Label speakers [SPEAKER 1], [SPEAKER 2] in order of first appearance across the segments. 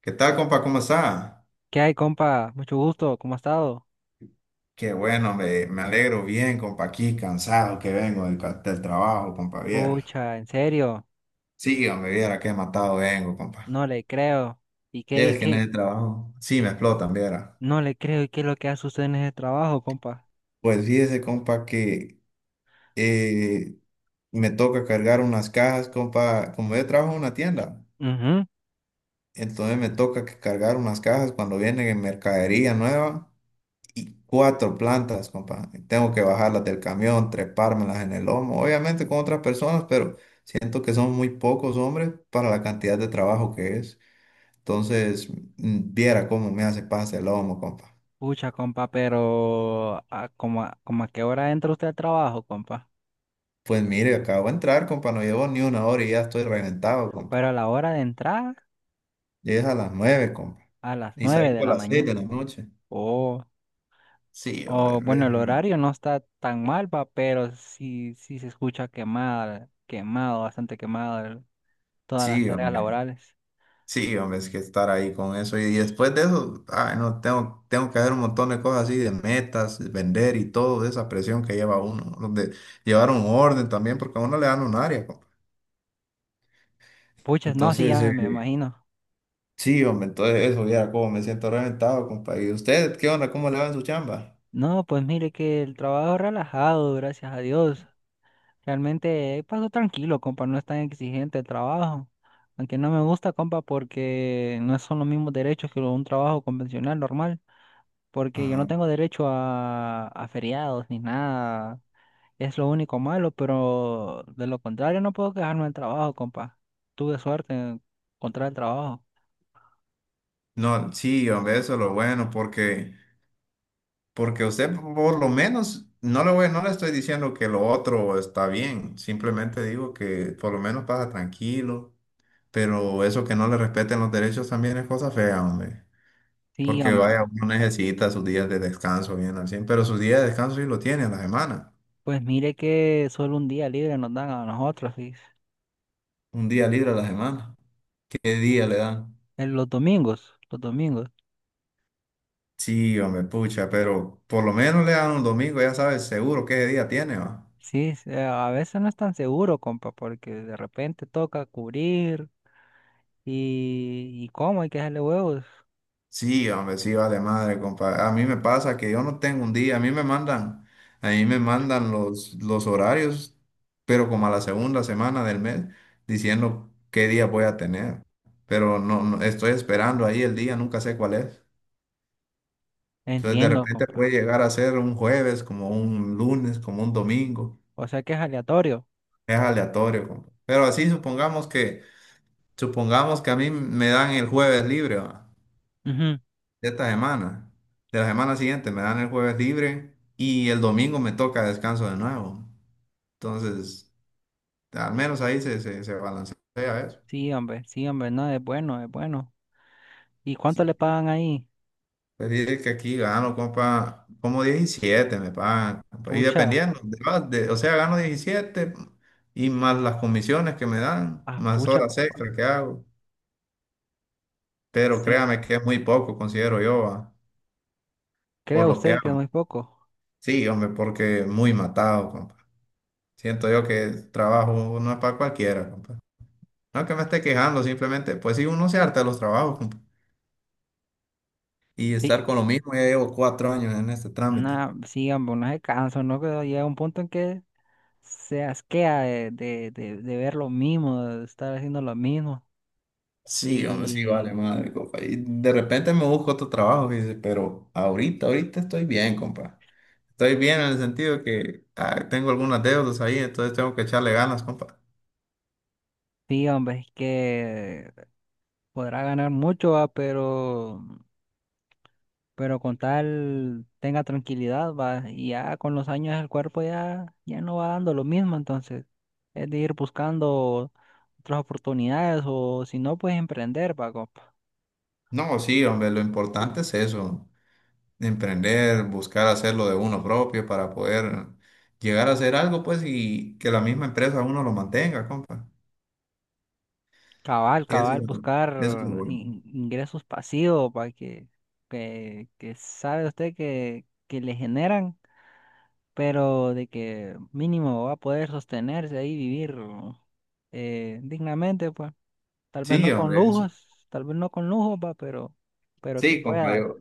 [SPEAKER 1] ¿Qué tal, compa? ¿Cómo está?
[SPEAKER 2] ¿Qué hay, compa? Mucho gusto, ¿cómo ha estado?
[SPEAKER 1] Qué bueno, me alegro bien, compa, aquí cansado que vengo del trabajo, compa, viera.
[SPEAKER 2] Pucha, en serio,
[SPEAKER 1] Sí, hombre, viera qué matado vengo, compa.
[SPEAKER 2] no le creo. ¿Y qué,
[SPEAKER 1] Es que en
[SPEAKER 2] qué?
[SPEAKER 1] el trabajo, sí, me explotan, viera.
[SPEAKER 2] No le creo, ¿y qué es lo que hace usted en ese trabajo, compa?
[SPEAKER 1] Pues fíjese, compa, que eh, me toca cargar unas cajas, compa, como yo trabajo en una tienda,
[SPEAKER 2] Mhm.
[SPEAKER 1] entonces me toca que cargar unas cajas cuando viene mercadería nueva. Y cuatro plantas, compa. Tengo que bajarlas del camión, trepármelas en el lomo, obviamente con otras personas, pero siento que son muy pocos hombres para la cantidad de trabajo que es. Entonces, viera cómo me hace pase el lomo, compa.
[SPEAKER 2] Pucha, compa, pero ¿a como a qué hora entra usted al trabajo, compa?
[SPEAKER 1] Pues mire, acabo de entrar, compa, no llevo ni una hora y ya estoy reventado, compa.
[SPEAKER 2] Pero a la hora de entrar,
[SPEAKER 1] Llegues a las 9, compa.
[SPEAKER 2] a las
[SPEAKER 1] Y
[SPEAKER 2] nueve de
[SPEAKER 1] salgo a
[SPEAKER 2] la
[SPEAKER 1] las 6
[SPEAKER 2] mañana.
[SPEAKER 1] de la noche.
[SPEAKER 2] Oh,
[SPEAKER 1] Sí, hombre.
[SPEAKER 2] oh, bueno, el horario no está tan mal, va, pero sí, sí se escucha quemada, quemado, bastante quemado todas las
[SPEAKER 1] Sí,
[SPEAKER 2] tareas
[SPEAKER 1] hombre.
[SPEAKER 2] laborales.
[SPEAKER 1] Sí, hombre, es que estar ahí con eso. Y después de eso, ay, no, tengo que hacer un montón de cosas así, de metas, vender y todo, esa presión que lleva uno, ¿no? De llevar un orden también, porque a uno le dan un área, compa.
[SPEAKER 2] Pucha, no, sí, ya
[SPEAKER 1] Entonces,
[SPEAKER 2] me imagino.
[SPEAKER 1] sí, hombre, entonces eso, ya como me siento reventado, compa. ¿Y usted qué onda? ¿Cómo le va en su chamba?
[SPEAKER 2] No, pues mire que el trabajo es relajado, gracias a Dios. Realmente paso tranquilo, compa, no es tan exigente el trabajo. Aunque no me gusta, compa, porque no son los mismos derechos que un trabajo convencional normal. Porque yo no
[SPEAKER 1] Ajá.
[SPEAKER 2] tengo derecho a feriados ni nada. Es lo único malo, pero de lo contrario no puedo quejarme del trabajo, compa. Tuve suerte en encontrar el trabajo.
[SPEAKER 1] No, sí, hombre, eso es lo bueno, porque usted por lo menos, no le estoy diciendo que lo otro está bien, simplemente digo que por lo menos pasa tranquilo. Pero eso que no le respeten los derechos también es cosa fea, hombre.
[SPEAKER 2] Sí,
[SPEAKER 1] Porque vaya,
[SPEAKER 2] hombre.
[SPEAKER 1] uno necesita sus días de descanso bien al cien, pero sus días de descanso sí lo tiene a la semana.
[SPEAKER 2] Pues mire que solo un día libre nos dan a nosotros, sí.
[SPEAKER 1] Un día libre a la semana. ¿Qué día le dan?
[SPEAKER 2] En los domingos, los domingos.
[SPEAKER 1] Sí, hombre, pucha, pero por lo menos le dan un domingo, ya sabes seguro qué día tiene, va.
[SPEAKER 2] Sí, a veces no es tan seguro, compa, porque de repente toca cubrir y cómo hay que dejarle huevos.
[SPEAKER 1] Sí, hombre, sí, vale madre, compadre. A mí me pasa que yo no tengo un día, a mí me mandan los horarios, pero como a la segunda semana del mes, diciendo qué día voy a tener. Pero no, no, estoy esperando ahí el día, nunca sé cuál es. Entonces de
[SPEAKER 2] Entiendo,
[SPEAKER 1] repente puede
[SPEAKER 2] compa.
[SPEAKER 1] llegar a ser un jueves, como un lunes, como un domingo.
[SPEAKER 2] O sea que es aleatorio.
[SPEAKER 1] Es aleatorio, compa. Pero así supongamos que a mí me dan el jueves libre, ¿va?
[SPEAKER 2] Ujú.
[SPEAKER 1] De esta semana. De la semana siguiente me dan el jueves libre y el domingo me toca descanso de nuevo. Entonces, al menos ahí se balancea eso.
[SPEAKER 2] Sí, hombre, no, es bueno, es bueno. ¿Y cuánto le
[SPEAKER 1] Sí.
[SPEAKER 2] pagan ahí?
[SPEAKER 1] Pues dice que aquí gano, compa, como 17 me pagan, compa, y
[SPEAKER 2] Pucha,
[SPEAKER 1] dependiendo, o sea, gano 17 y más las comisiones que me dan,
[SPEAKER 2] ah,
[SPEAKER 1] más
[SPEAKER 2] pucha,
[SPEAKER 1] horas
[SPEAKER 2] compa.
[SPEAKER 1] extra que hago. Pero
[SPEAKER 2] Sí,
[SPEAKER 1] créame que es muy poco, considero yo, va,
[SPEAKER 2] ¿cree
[SPEAKER 1] por lo que
[SPEAKER 2] usted que es
[SPEAKER 1] hago.
[SPEAKER 2] muy poco?
[SPEAKER 1] Sí, hombre, porque muy matado, compa. Siento yo que el trabajo no es para cualquiera, compa. No que me esté quejando, simplemente, pues sí, uno se harta de los trabajos, compa. Y
[SPEAKER 2] Sí,
[SPEAKER 1] estar con lo mismo, ya llevo 4 años en este trámite.
[SPEAKER 2] nada, sí, hombre, no se cansa, ¿no? Que llega un punto en que se asquea de ver lo mismo, de estar haciendo lo mismo.
[SPEAKER 1] Sí, hombre, sí, vale,
[SPEAKER 2] Y.
[SPEAKER 1] madre, compa. Y de repente me busco otro trabajo, fíjese, pero ahorita estoy bien, compa. Estoy bien en el sentido que tengo algunas deudas ahí, entonces tengo que echarle ganas, compa.
[SPEAKER 2] Sí, hombre, es que podrá ganar mucho, va, pero, con tal tenga tranquilidad, va, y ya con los años el cuerpo ya no va dando lo mismo, entonces es de ir buscando otras oportunidades o si no, pues emprender, va,
[SPEAKER 1] No, sí, hombre, lo importante es eso, emprender, buscar hacerlo de uno propio para poder llegar a hacer algo, pues, y que la misma empresa uno lo mantenga, compa.
[SPEAKER 2] cabal,
[SPEAKER 1] Eso es
[SPEAKER 2] cabal,
[SPEAKER 1] lo,
[SPEAKER 2] buscar
[SPEAKER 1] Eso es lo bueno.
[SPEAKER 2] ingresos pasivos, para que, sabe usted que le generan, pero de que mínimo va a poder sostenerse ahí, vivir dignamente, pues. Tal vez
[SPEAKER 1] Sí,
[SPEAKER 2] no con
[SPEAKER 1] hombre, eso.
[SPEAKER 2] lujos, tal vez no con lujos, va, pero, que
[SPEAKER 1] Sí, compa,
[SPEAKER 2] pueda.
[SPEAKER 1] yo-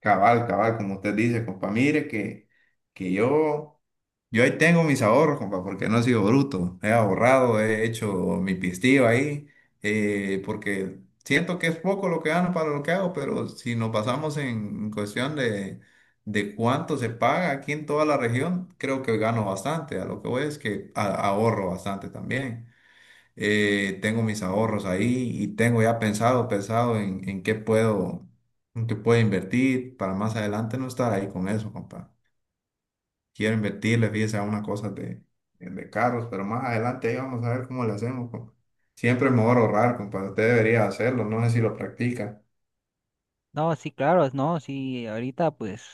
[SPEAKER 1] Cabal, cabal, como usted dice, compa, mire que yo ahí tengo mis ahorros, compa, porque no he sido bruto. He ahorrado, he hecho mi pistillo ahí, porque siento que es poco lo que gano para lo que hago, pero si nos basamos en cuestión de cuánto se paga aquí en toda la región, creo que gano bastante. A lo que voy es que ahorro bastante también. Eh, tengo mis ahorros ahí y tengo ya pensado en qué puedo invertir para más adelante no estar ahí con eso, compa. Quiero invertirle, fíjese, a unas cosas de carros, pero más adelante ahí vamos a ver cómo le hacemos, compa. Siempre es mejor ahorrar, compa. Usted debería hacerlo, no sé si lo practica.
[SPEAKER 2] No, sí, claro, no, sí, ahorita pues,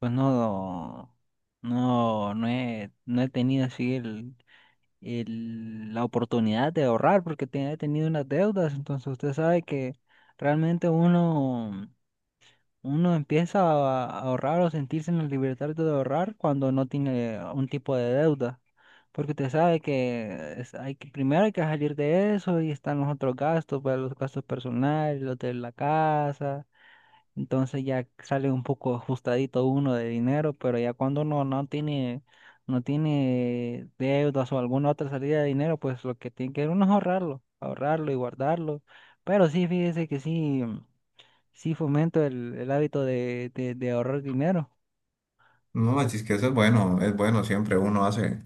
[SPEAKER 2] pues no, no he tenido así el, la oportunidad de ahorrar porque he tenido unas deudas, entonces usted sabe que realmente uno empieza a ahorrar o sentirse en la libertad de ahorrar cuando no tiene un tipo de deuda, porque usted sabe que es- hay que, primero hay que salir de eso y están los otros gastos, pues, los gastos personales, los de la casa, entonces ya sale un poco ajustadito uno de dinero, pero ya cuando uno no tiene deudas o alguna otra salida de dinero, pues lo que tiene que uno es ahorrarlo, ahorrarlo y guardarlo, pero sí, fíjese que sí. Sí, fomento el hábito de ahorrar dinero.
[SPEAKER 1] No, así es que eso es bueno, siempre uno hace.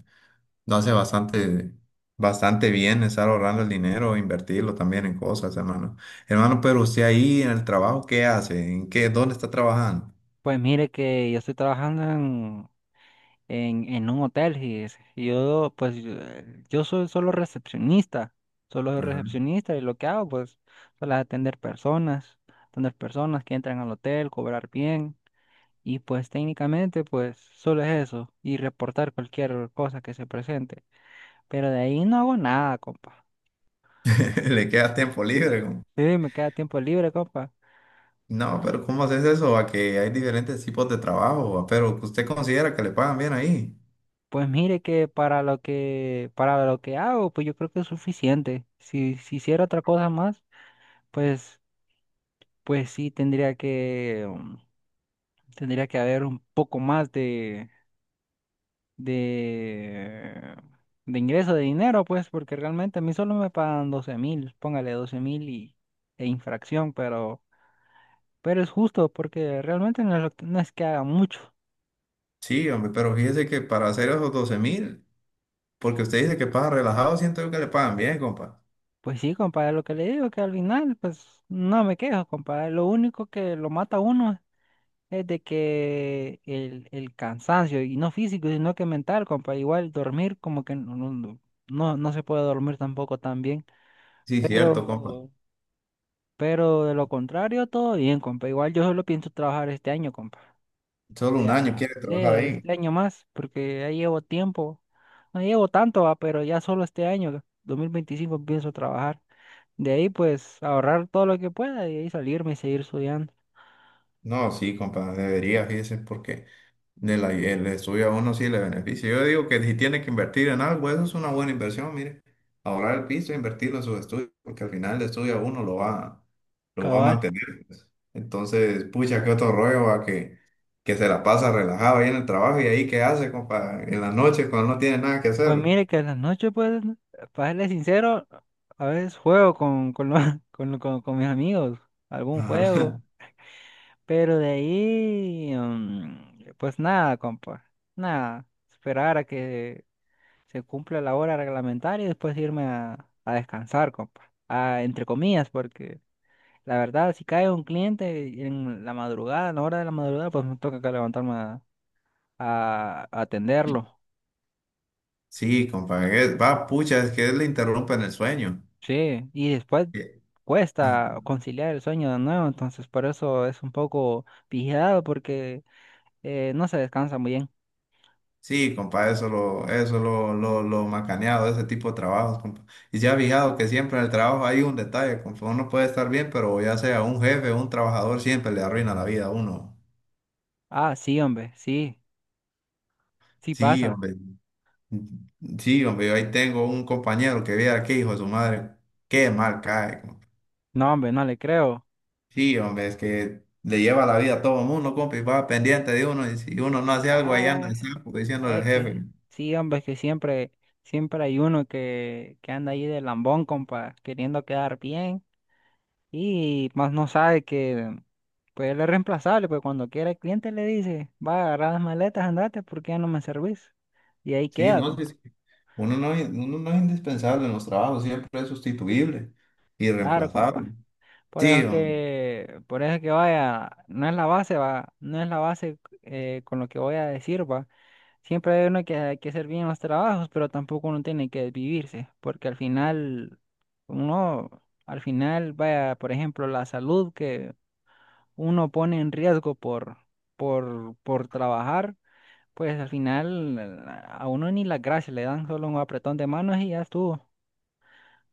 [SPEAKER 1] Lo hace bastante, bastante bien estar ahorrando el dinero, invertirlo también en cosas, hermano. Hermano, pero usted ahí en el trabajo, ¿qué hace? ¿En qué? ¿Dónde está trabajando?
[SPEAKER 2] Pues mire que yo estoy trabajando en, en un hotel, fíjese. Y yo pues yo yo soy solo recepcionista, solo soy
[SPEAKER 1] Ajá.
[SPEAKER 2] recepcionista y lo que hago, pues, solo es atender personas que entran al hotel, cobrar bien y pues técnicamente pues solo es eso y reportar cualquier cosa que se presente. Pero de ahí no hago nada, compa.
[SPEAKER 1] ¿Le queda tiempo libre? Como,
[SPEAKER 2] Sí, me queda tiempo libre, compa.
[SPEAKER 1] no, pero ¿cómo haces eso? A que hay diferentes tipos de trabajo, ¿va? Pero que usted considera que le pagan bien ahí.
[SPEAKER 2] Pues mire que para lo que hago, pues yo creo que es suficiente. Si, si hiciera otra cosa más, pues, pues sí tendría que haber un poco más de de de ingreso de dinero, pues, porque realmente a mí solo me pagan 12,000, póngale 12,000 y e infracción, pero es justo porque realmente no es, lo que- no es que haga mucho.
[SPEAKER 1] Sí, hombre, pero fíjese que para hacer esos 12.000, porque usted dice que paga relajado, siento yo que le pagan bien, compa.
[SPEAKER 2] Pues sí, compadre, lo que le digo que al final, pues no me quejo, compadre. Lo único que lo mata a uno es de que el cansancio, y no físico, sino que mental, compa, igual dormir como que no se puede dormir tampoco tan bien,
[SPEAKER 1] Sí, cierto, compa.
[SPEAKER 2] pero, pero de lo contrario, todo bien, compa, igual yo solo pienso trabajar este año, compa.
[SPEAKER 1] ¿Solo un año
[SPEAKER 2] Ah,
[SPEAKER 1] quiere
[SPEAKER 2] sí,
[SPEAKER 1] trabajar ahí?
[SPEAKER 2] este año más, porque ya llevo tiempo, no llevo tanto, va, pero ya solo este año, 2025, pienso trabajar, de ahí pues ahorrar todo lo que pueda y de ahí salirme y seguir estudiando,
[SPEAKER 1] No, sí, compa, debería, fíjese, porque el estudio a uno sí le beneficia. Yo digo que si tiene que invertir en algo, eso es una buena inversión, mire. Ahorrar el piso e invertirlo en sus estudios, porque al final el estudio a uno lo va a
[SPEAKER 2] cabal.
[SPEAKER 1] mantener, pues. Entonces, pucha, qué otro rollo a que se la pasa relajado ahí en el trabajo y ahí qué hace, compa, en la noche cuando no tiene nada que
[SPEAKER 2] Pues
[SPEAKER 1] hacer.
[SPEAKER 2] mire que en las noches, pues, para serle sincero, a veces juego con mis amigos, algún juego,
[SPEAKER 1] Ajá.
[SPEAKER 2] pero de ahí, pues nada, compa, nada, esperar a que se cumpla la hora reglamentaria y después irme a descansar, compa, a, entre comillas, porque la verdad, si cae un cliente en la madrugada, a la hora de la madrugada, pues me toca que levantarme a atenderlo.
[SPEAKER 1] Sí, compa, va, pucha, es que le interrumpen el sueño.
[SPEAKER 2] Sí, y después
[SPEAKER 1] Sí.
[SPEAKER 2] cuesta conciliar el sueño de nuevo, entonces por eso es un poco vigilado porque no se descansa muy bien.
[SPEAKER 1] Sí, compa, lo macaneado de ese tipo de trabajos, compa. Y ya ha fijado que siempre en el trabajo hay un detalle, compa. Uno puede estar bien, pero ya sea un jefe o un trabajador, siempre le arruina la vida a uno.
[SPEAKER 2] Ah, sí, hombre, sí, sí
[SPEAKER 1] Sí,
[SPEAKER 2] pasa.
[SPEAKER 1] hombre. Sí, hombre, yo ahí tengo un compañero que viera que hijo de su madre, qué mal cae, compa.
[SPEAKER 2] No, hombre, no le creo.
[SPEAKER 1] Sí, hombre, es que le lleva la vida a todo el mundo, compa, y va pendiente de uno, y si uno no hace algo, ahí anda
[SPEAKER 2] Ah,
[SPEAKER 1] de sapo diciéndole al
[SPEAKER 2] es que
[SPEAKER 1] jefe.
[SPEAKER 2] sí, hombre, es que siempre, siempre hay uno que anda ahí de lambón, compa, queriendo quedar bien y más no sabe que pues él es reemplazable, pues cuando quiera el cliente le dice, va a agarrar las maletas, andate porque ya no me servís. Y ahí
[SPEAKER 1] Sí,
[SPEAKER 2] queda,
[SPEAKER 1] no, sí,
[SPEAKER 2] compa.
[SPEAKER 1] sí. Uno no, uno no es indispensable en los trabajos, siempre es sustituible y
[SPEAKER 2] Claro, compa.
[SPEAKER 1] reemplazable.
[SPEAKER 2] Por
[SPEAKER 1] Sí,
[SPEAKER 2] eso
[SPEAKER 1] hombre,
[SPEAKER 2] que, por eso que vaya, no es la base, va, no es la base con lo que voy a decir, va. Siempre hay uno que hay que hacer bien los trabajos, pero tampoco uno tiene que desvivirse, porque al final, uno, al final, vaya, por ejemplo, la salud que uno pone en riesgo por trabajar, pues al final a uno ni las gracias le dan, solo un apretón de manos y ya estuvo.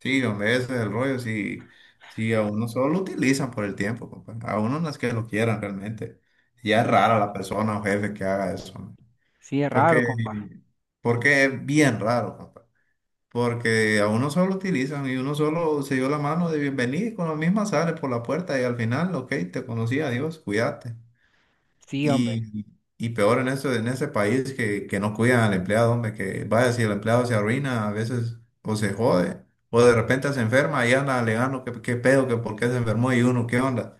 [SPEAKER 1] sí, hombre, ese es el rollo, sí, sí, a uno solo lo utilizan por el tiempo, compa. A uno no es que lo quieran realmente. Ya es
[SPEAKER 2] Sí.
[SPEAKER 1] rara la persona o jefe que haga eso, hombre.
[SPEAKER 2] Sí, es raro,
[SPEAKER 1] Porque,
[SPEAKER 2] compa.
[SPEAKER 1] porque es bien raro, compa. Porque a uno solo lo utilizan y uno solo se dio la mano de bienvenida y con lo mismo sale por la puerta y al final, ok, te conocí, adiós, cuídate.
[SPEAKER 2] Sí, hombre.
[SPEAKER 1] Y, y peor en eso, en ese país que no cuidan al empleado, hombre, que vaya, si el empleado se arruina a veces o se jode, o de repente se enferma y anda alegando que qué pedo, que por qué se enfermó y uno, ¿qué onda?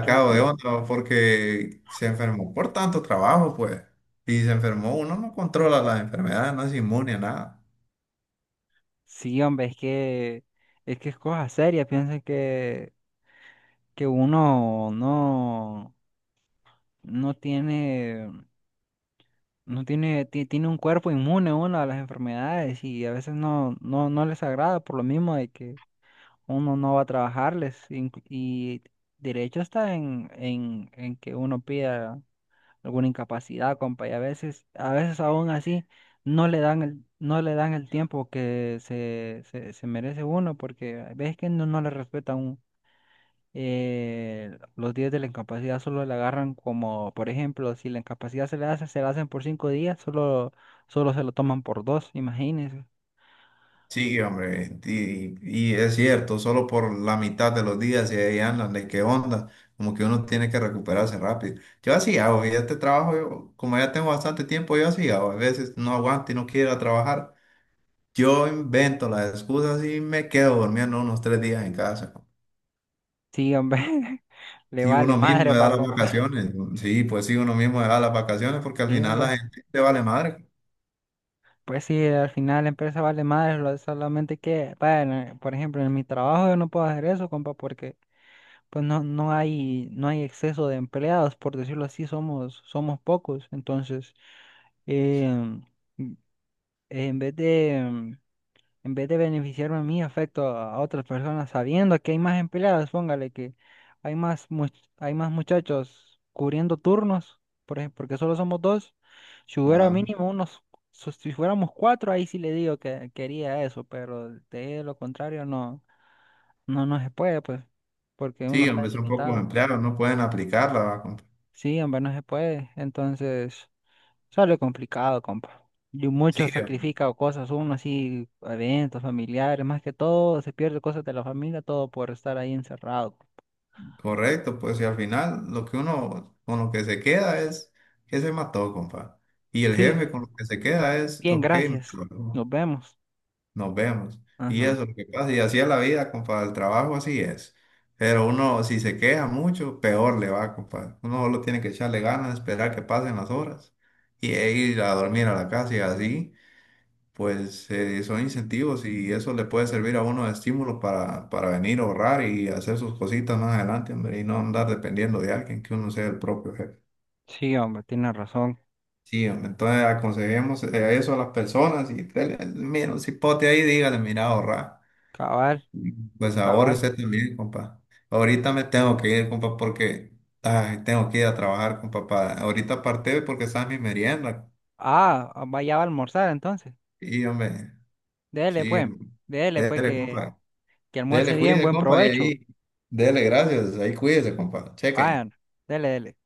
[SPEAKER 2] Cla-
[SPEAKER 1] de onda porque se enfermó por tanto trabajo, pues. Y se enfermó, uno no controla las enfermedades, no es inmune a nada.
[SPEAKER 2] Sí, hombre, es que es cosa seria. Piensa que uno no tiene, no tiene un cuerpo inmune uno a las enfermedades y a veces no les agrada por lo mismo de que uno no va a trabajarles. Y derecho está en, en que uno pida alguna incapacidad, compa, y a veces aún así no le dan el tiempo que se merece uno, porque ves que no le respetan los días de la incapacidad, solo le agarran como, por ejemplo, si la incapacidad se le hace, se la hacen por 5 días, solo se lo toman por dos, imagínense.
[SPEAKER 1] Sí, hombre, y es cierto, solo por la mitad de los días y ahí andan, de qué onda, como que uno tiene que recuperarse rápido. Yo así hago, ya este trabajo, yo, como ya tengo bastante tiempo, yo así hago, a veces no aguanto y no quiero ir a trabajar, yo invento las excusas y me quedo durmiendo unos 3 días en casa.
[SPEAKER 2] Sí, hombre, le
[SPEAKER 1] Si
[SPEAKER 2] vale
[SPEAKER 1] uno mismo
[SPEAKER 2] madre
[SPEAKER 1] le da
[SPEAKER 2] pa'
[SPEAKER 1] las
[SPEAKER 2] compa.
[SPEAKER 1] vacaciones, ¿no? Sí, pues sí, uno mismo le da las vacaciones porque al
[SPEAKER 2] Sí,
[SPEAKER 1] final
[SPEAKER 2] hombre.
[SPEAKER 1] la gente te vale madre.
[SPEAKER 2] Pues sí, al final la empresa vale madre, lo- solamente que, bueno, por ejemplo, en mi trabajo yo no puedo hacer eso, compa, porque pues no, no hay, no hay exceso de empleados, por decirlo así, somos, somos pocos. Entonces, em, m- en vez de, em, en vez de beneficiarme a mí, afecto a otras personas sabiendo que hay más empleados, póngale que hay más, hay más muchachos cubriendo turnos, por ejemplo, porque solo somos dos. Si hubiera
[SPEAKER 1] Ajá.
[SPEAKER 2] mínimo unos, so- Si fuéramos cuatro, ahí sí le digo que quería eso, pero de lo contrario no, no se puede, pues, porque uno
[SPEAKER 1] Sí,
[SPEAKER 2] está
[SPEAKER 1] hombre, son pocos
[SPEAKER 2] limitado.
[SPEAKER 1] empleados, no pueden aplicarla, va, compa.
[SPEAKER 2] Sí, hombre, no se puede. Entonces, sale complicado, compa. Y
[SPEAKER 1] Sí,
[SPEAKER 2] mucho sacrifica o cosas, uno así, eventos familiares, más que todo, se pierde cosas de la familia, todo por estar ahí encerrado.
[SPEAKER 1] correcto, pues y al final lo que uno con lo que se queda es que se mató, compa. Y el
[SPEAKER 2] Sí,
[SPEAKER 1] jefe con lo que se queda es,
[SPEAKER 2] bien,
[SPEAKER 1] ok, me
[SPEAKER 2] gracias. Nos
[SPEAKER 1] tocó,
[SPEAKER 2] vemos.
[SPEAKER 1] nos vemos. Y
[SPEAKER 2] Ajá.
[SPEAKER 1] eso es lo que pasa. Y así es la vida, compa. El trabajo así es. Pero uno, si se queja mucho, peor le va, compa. Uno solo tiene que echarle ganas, esperar que pasen las horas e ir a dormir a la casa y así pues son incentivos y eso le puede servir a uno de estímulo para venir a ahorrar y hacer sus cositas más adelante, hombre, y no andar dependiendo de alguien, que uno sea el propio jefe.
[SPEAKER 2] Sí, hombre, tiene razón.
[SPEAKER 1] Sí, hombre, entonces aconsejemos eso a las personas y dele, mira, un cipote ahí, dígale, mira, ahorrar.
[SPEAKER 2] Cabal,
[SPEAKER 1] Pues ahorre
[SPEAKER 2] cabal.
[SPEAKER 1] usted también, compa. Ahorita me tengo que ir, compa, porque ay, tengo que ir a trabajar, compa. Ahorita parte porque está mi merienda.
[SPEAKER 2] Ah, ah, vaya a almorzar entonces.
[SPEAKER 1] Y, hombre,
[SPEAKER 2] Dele,
[SPEAKER 1] sí,
[SPEAKER 2] pues. Dele, pues,
[SPEAKER 1] dele, compa.
[SPEAKER 2] que almuerce
[SPEAKER 1] Dele,
[SPEAKER 2] bien,
[SPEAKER 1] cuídese,
[SPEAKER 2] buen
[SPEAKER 1] compa, y
[SPEAKER 2] provecho.
[SPEAKER 1] ahí. Dele, gracias. Ahí cuídese, compa. Cheque.
[SPEAKER 2] Vayan, dele, dele.